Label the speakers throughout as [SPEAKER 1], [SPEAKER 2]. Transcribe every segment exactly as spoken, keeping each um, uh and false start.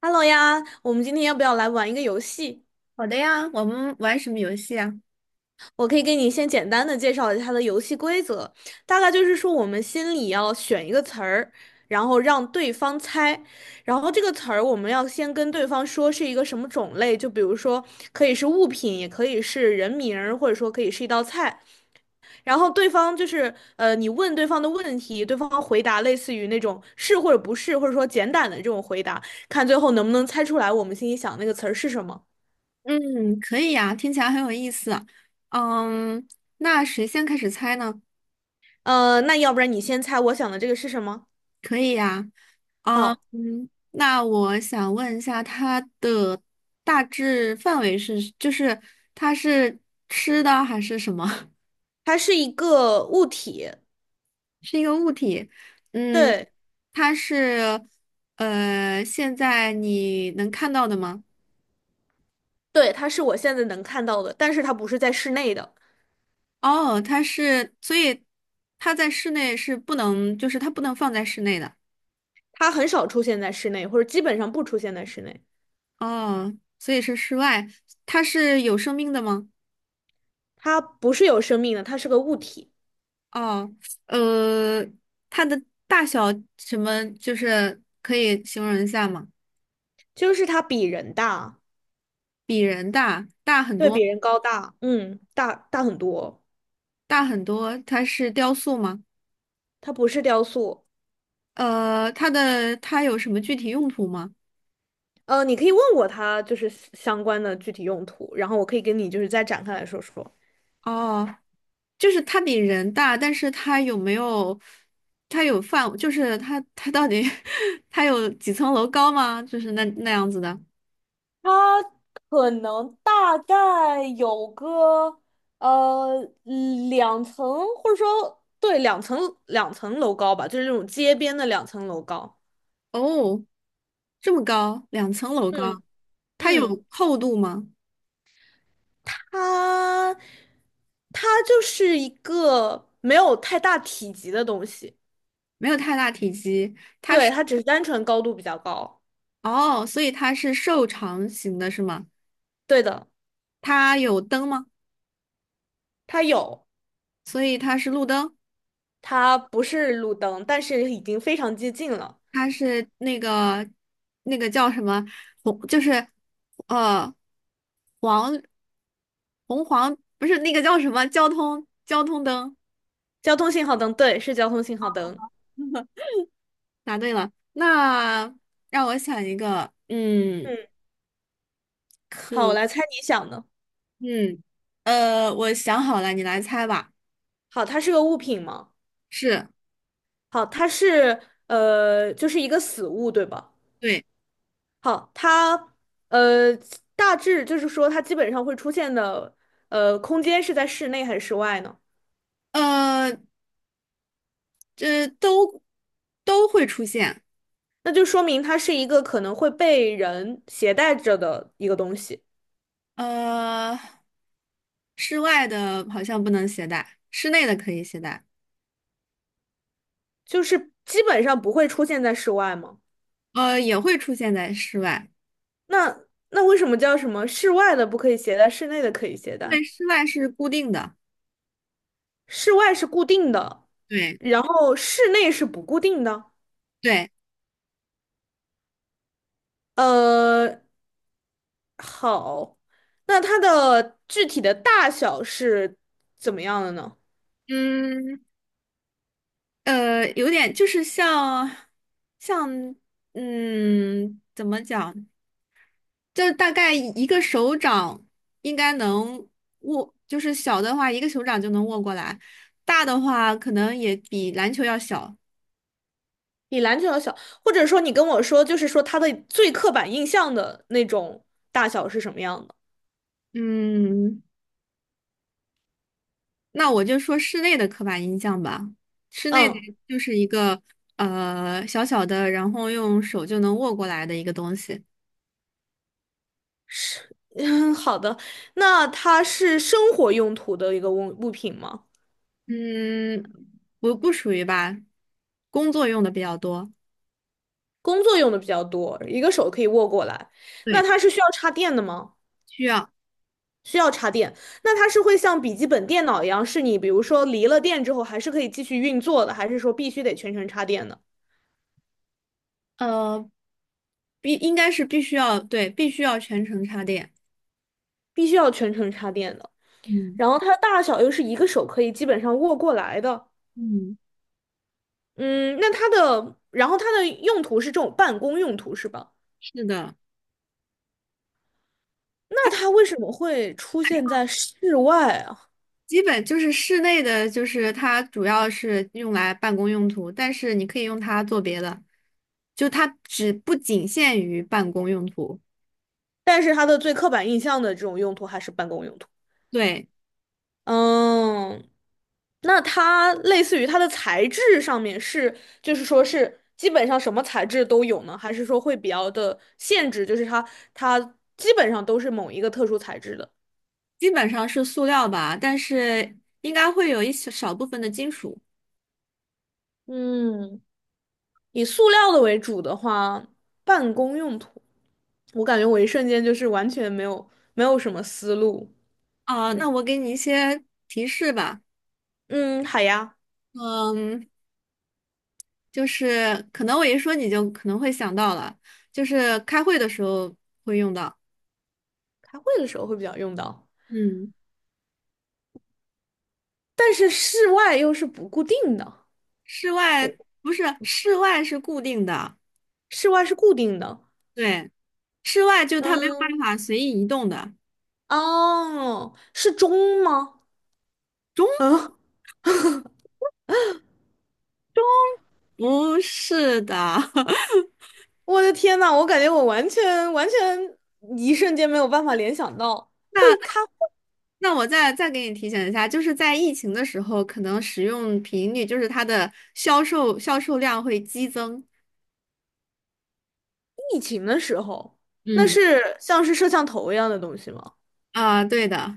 [SPEAKER 1] Hello 呀，我们今天要不要来玩一个游戏？
[SPEAKER 2] 好的呀，我们玩什么游戏啊？
[SPEAKER 1] 我可以给你先简单的介绍一下它的游戏规则，大概就是说我们心里要选一个词儿，然后让对方猜，然后这个词儿我们要先跟对方说是一个什么种类，就比如说可以是物品，也可以是人名儿，或者说可以是一道菜。然后对方就是呃，你问对方的问题，对方回答类似于那种是或者不是，或者说简短的这种回答，看最后能不能猜出来我们心里想那个词儿是什么。
[SPEAKER 2] 嗯，可以呀，听起来很有意思。嗯，那谁先开始猜呢？
[SPEAKER 1] 呃，那要不然你先猜我想的这个是什么？
[SPEAKER 2] 可以呀。嗯，
[SPEAKER 1] 好，
[SPEAKER 2] 那我想问一下，它的大致范围是，就是它是吃的还是什么？
[SPEAKER 1] 它是一个物体，
[SPEAKER 2] 嗯，
[SPEAKER 1] 对
[SPEAKER 2] 它是呃，现在你能看到的吗？
[SPEAKER 1] 对，它是我现在能看到的，但是它不是在室内的，
[SPEAKER 2] 哦，它是，所以它在室内是不能，就是它不能放在室内的。
[SPEAKER 1] 它很少出现在室内，或者基本上不出现在室内。
[SPEAKER 2] 哦，所以是室外，它是有生命的吗？
[SPEAKER 1] 它不是有生命的，它是个物体，
[SPEAKER 2] 哦，呃，它的大小什么，就是可以形容一下吗？
[SPEAKER 1] 就是它比人大，
[SPEAKER 2] 比人大，大很
[SPEAKER 1] 对，比
[SPEAKER 2] 多，
[SPEAKER 1] 人高大，嗯，大大很多。
[SPEAKER 2] 大很多。它是雕塑吗？
[SPEAKER 1] 它不是雕塑，
[SPEAKER 2] 呃，它的它有什么具体用途吗？
[SPEAKER 1] 呃，你可以问我它就是相关的具体用途，然后我可以跟你就是再展开来说说。
[SPEAKER 2] 哦，就是它比人大，但是它有没有？它有范，就是它它到底 它有几层楼高吗？就是那那样子的。
[SPEAKER 1] 它可能大概有个呃嗯两层，或者说对两层两层楼高吧，就是那种街边的两层楼高。
[SPEAKER 2] 哦，这么高，两层楼高，
[SPEAKER 1] 嗯
[SPEAKER 2] 它
[SPEAKER 1] 嗯，
[SPEAKER 2] 有厚度吗？
[SPEAKER 1] 它它就是一个没有太大体积的东西，
[SPEAKER 2] 没有太大体积。
[SPEAKER 1] 对，它只是单纯高度比较高。
[SPEAKER 2] 哦，所以它是瘦长型的，是吗？
[SPEAKER 1] 对的，
[SPEAKER 2] 它有灯吗？
[SPEAKER 1] 它有，
[SPEAKER 2] 所以它是路灯，
[SPEAKER 1] 它不是路灯，但是已经非常接近了。
[SPEAKER 2] 它是那个那个叫什么红，就是呃黄红黄，不是那个叫什么交通交通灯。
[SPEAKER 1] 交通信号灯，对，是交通信号灯。
[SPEAKER 2] 答对了，那让我想一个，嗯，
[SPEAKER 1] 嗯，好，我
[SPEAKER 2] 可，
[SPEAKER 1] 来猜你想的。
[SPEAKER 2] 嗯，呃，我想好了，你来猜吧。
[SPEAKER 1] 好，它是个物品吗？
[SPEAKER 2] 是。
[SPEAKER 1] 好，它是呃，就是一个死物，对吧？
[SPEAKER 2] 对，
[SPEAKER 1] 好，它呃，大致就是说，它基本上会出现的呃，空间是在室内还是室外呢？
[SPEAKER 2] 呃，这都都会出现。
[SPEAKER 1] 那就说明它是一个可能会被人携带着的一个东西，
[SPEAKER 2] 呃，室外的好像不能携带，室内的可以携带。
[SPEAKER 1] 就是基本上不会出现在室外吗？
[SPEAKER 2] 呃，也会出现在室外，
[SPEAKER 1] 那那为什么叫什么室外的不可以携带，室内的可以携
[SPEAKER 2] 对，
[SPEAKER 1] 带？
[SPEAKER 2] 室外是固定的。
[SPEAKER 1] 室外是固定的，
[SPEAKER 2] 对
[SPEAKER 1] 然后室内是不固定的。
[SPEAKER 2] 对，
[SPEAKER 1] 呃，好，那它的具体的大小是怎么样的呢？
[SPEAKER 2] 嗯，呃，有点就是像像嗯，怎么讲？就大概一个手掌应该能握，就是小的话一个手掌就能握过来，大的话可能也比篮球要小。
[SPEAKER 1] 比篮球要小，或者说你跟我说，就是说它的最刻板印象的那种大小是什么样的？
[SPEAKER 2] 嗯，那我就说室内的刻板印象吧。室内的
[SPEAKER 1] 嗯，
[SPEAKER 2] 就是一个呃小小的，然后用手就能握过来的一个东西。
[SPEAKER 1] 是，嗯，好的。那它是生活用途的一个物物品吗？
[SPEAKER 2] 嗯，不不属于吧，工作用的比较多。
[SPEAKER 1] 工作用的比较多，一个手可以握过来。那
[SPEAKER 2] 对，
[SPEAKER 1] 它是需要插电的吗？
[SPEAKER 2] 需要
[SPEAKER 1] 需要插电。那它是会像笔记本电脑一样，是你比如说离了电之后还是可以继续运作的，还是说必须得全程插电的？
[SPEAKER 2] 呃必应该是必须要，对，必须要全程插电。
[SPEAKER 1] 必须要全程插电的。
[SPEAKER 2] 嗯
[SPEAKER 1] 然后它的大小又是一个手可以基本上握过来的。
[SPEAKER 2] 嗯，
[SPEAKER 1] 嗯，那它的，然后它的用途是这种办公用途是吧？
[SPEAKER 2] 是的。
[SPEAKER 1] 那它为什么会出现在室外啊？
[SPEAKER 2] 基本就是室内的，就是它主要是用来办公用途，但是你可以用它做别的，就它只不仅限于办公用途。
[SPEAKER 1] 但是它的最刻板印象的这种用途还是办公用途。
[SPEAKER 2] 对，
[SPEAKER 1] 嗯，那它类似于它的材质上面是，就是说是基本上什么材质都有呢？还是说会比较的限制，就是它它基本上都是某一个特殊材质的？
[SPEAKER 2] 基本上是塑料吧，但是应该会有一小少部分的金属。
[SPEAKER 1] 嗯，以塑料的为主的话，办公用途，我感觉我一瞬间就是完全没有没有什么思路。
[SPEAKER 2] 啊、那我给你一些提示吧。
[SPEAKER 1] 嗯，好呀，
[SPEAKER 2] 嗯，就是可能我一说你就可能会想到了，就是开会的时候会用到。
[SPEAKER 1] 开会的时候会比较用到，
[SPEAKER 2] 嗯，
[SPEAKER 1] 但是室外又是不固定的，
[SPEAKER 2] 室外不是，室外是固定的，
[SPEAKER 1] 室外是固定的。
[SPEAKER 2] 对。室外就它没有办
[SPEAKER 1] 嗯，
[SPEAKER 2] 法随意移动的。
[SPEAKER 1] 哦，是钟吗？
[SPEAKER 2] 中
[SPEAKER 1] 啊，
[SPEAKER 2] 不是的，
[SPEAKER 1] 我的天呐，我感觉我完全完全一瞬间没有办法联想到会
[SPEAKER 2] 那
[SPEAKER 1] 看
[SPEAKER 2] 那我再再给你提醒一下，就是在疫情的时候，可能使用频率就是它的销售销售量会激增。
[SPEAKER 1] 疫情的时候，那
[SPEAKER 2] 嗯
[SPEAKER 1] 是像是摄像头一样的东西吗？
[SPEAKER 2] 啊，对的，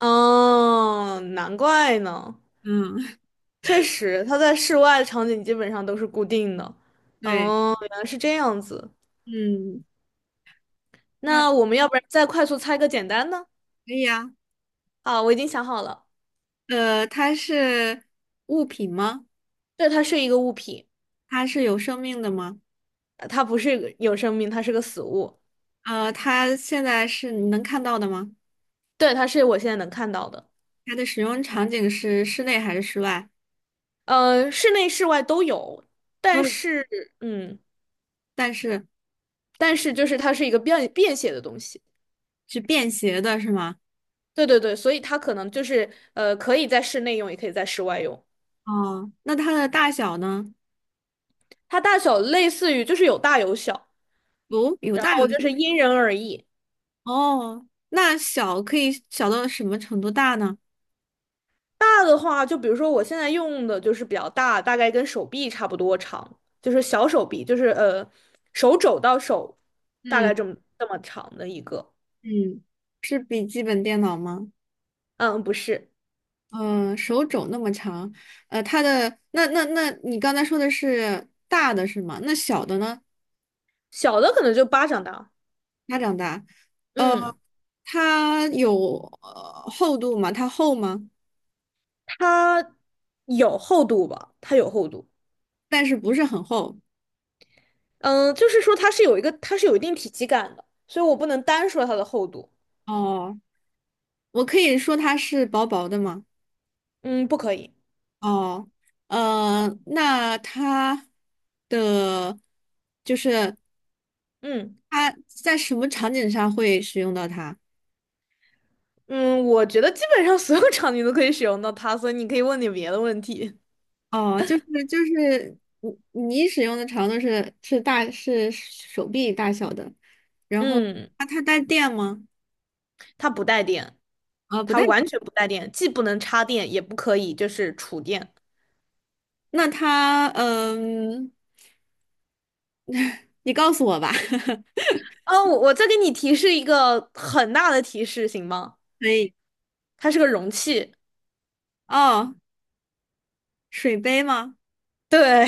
[SPEAKER 1] 哦，难怪呢，
[SPEAKER 2] 嗯，
[SPEAKER 1] 确实，它在室外的场景基本上都是固定的。
[SPEAKER 2] 对，
[SPEAKER 1] 哦，原来是这样子。
[SPEAKER 2] 嗯，那可
[SPEAKER 1] 那我们要不然再快速猜个简单的？
[SPEAKER 2] 以啊。
[SPEAKER 1] 啊，我已经想好了，
[SPEAKER 2] 呃，它是物品吗？
[SPEAKER 1] 对，它是一个物品，
[SPEAKER 2] 它是有生命的吗？
[SPEAKER 1] 呃它不是一个有生命，它是个死物。
[SPEAKER 2] 呃，它现在是你能看到的吗？
[SPEAKER 1] 对，它是我现在能看到的。
[SPEAKER 2] 它的使用场景是室内还是室外？
[SPEAKER 1] 呃，室内室外都有，
[SPEAKER 2] 都
[SPEAKER 1] 但
[SPEAKER 2] 有
[SPEAKER 1] 是，嗯，
[SPEAKER 2] 但是。
[SPEAKER 1] 但是就是它是一个便便携的东西。
[SPEAKER 2] 是便携的是吗？
[SPEAKER 1] 对对对，所以它可能就是呃，可以在室内用，也可以在室外用。
[SPEAKER 2] 哦，那它的大小呢？
[SPEAKER 1] 它大小类似于就是有大有小，
[SPEAKER 2] 哦，有
[SPEAKER 1] 然
[SPEAKER 2] 大有
[SPEAKER 1] 后就
[SPEAKER 2] 小
[SPEAKER 1] 是因人而异。
[SPEAKER 2] 哦，那小可以小到什么程度大呢？
[SPEAKER 1] 大的话，就比如说我现在用的就是比较大，大概跟手臂差不多长，就是小手臂，就是呃手肘到手大
[SPEAKER 2] 嗯
[SPEAKER 1] 概这么这么长的一个。
[SPEAKER 2] 嗯，是笔记本电脑吗？
[SPEAKER 1] 嗯，不是，
[SPEAKER 2] 嗯、手肘那么长，呃，它的那那那你刚才说的是大的是吗？那小的呢？
[SPEAKER 1] 小的可能就巴掌大。
[SPEAKER 2] 它长大，呃，
[SPEAKER 1] 嗯，
[SPEAKER 2] 它有呃厚度吗？它厚吗？
[SPEAKER 1] 它有厚度吧？它有厚度。
[SPEAKER 2] 但是不是很厚。
[SPEAKER 1] 嗯，就是说它是有一个，它是有一定体积感的，所以我不能单说它的厚度。
[SPEAKER 2] 哦，我可以说它是薄薄的吗？
[SPEAKER 1] 嗯，不可以。
[SPEAKER 2] 哦，呃，那它的就是
[SPEAKER 1] 嗯。
[SPEAKER 2] 它在什么场景上会使用到它？
[SPEAKER 1] 嗯，我觉得基本上所有 场景都可以使用到它，所以你可以问点别的问题。
[SPEAKER 2] 哦，就是就是你你使用的长度是是大是手臂大小的，然后
[SPEAKER 1] 嗯，
[SPEAKER 2] 它它带电吗？
[SPEAKER 1] 它不带电，
[SPEAKER 2] 啊、不
[SPEAKER 1] 它
[SPEAKER 2] 带。
[SPEAKER 1] 完全不带电，既不能插电，也不可以就是储电。
[SPEAKER 2] 那它嗯，你告诉我吧。
[SPEAKER 1] 啊，我我再给你提示一个很大的提示，行吗？
[SPEAKER 2] 可以。
[SPEAKER 1] 它是个容器。
[SPEAKER 2] 哦，水杯吗？
[SPEAKER 1] 对，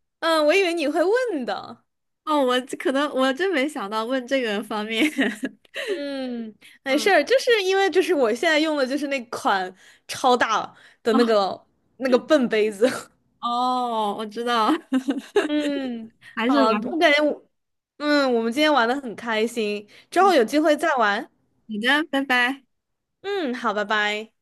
[SPEAKER 1] 嗯，我以为你会问的。
[SPEAKER 2] 哦，我这可能我真没想到问这个方面。
[SPEAKER 1] 嗯，没事
[SPEAKER 2] 嗯，
[SPEAKER 1] 儿，就是因为就是我现在用的就是那款超大的那个那个笨杯子。
[SPEAKER 2] 哦，哦我知道。
[SPEAKER 1] 嗯，
[SPEAKER 2] 还是
[SPEAKER 1] 好，
[SPEAKER 2] 玩。
[SPEAKER 1] 我感觉我。嗯，我们今天玩的很开心，之后有机会再玩。
[SPEAKER 2] 你的，拜拜。
[SPEAKER 1] 嗯，好，拜拜。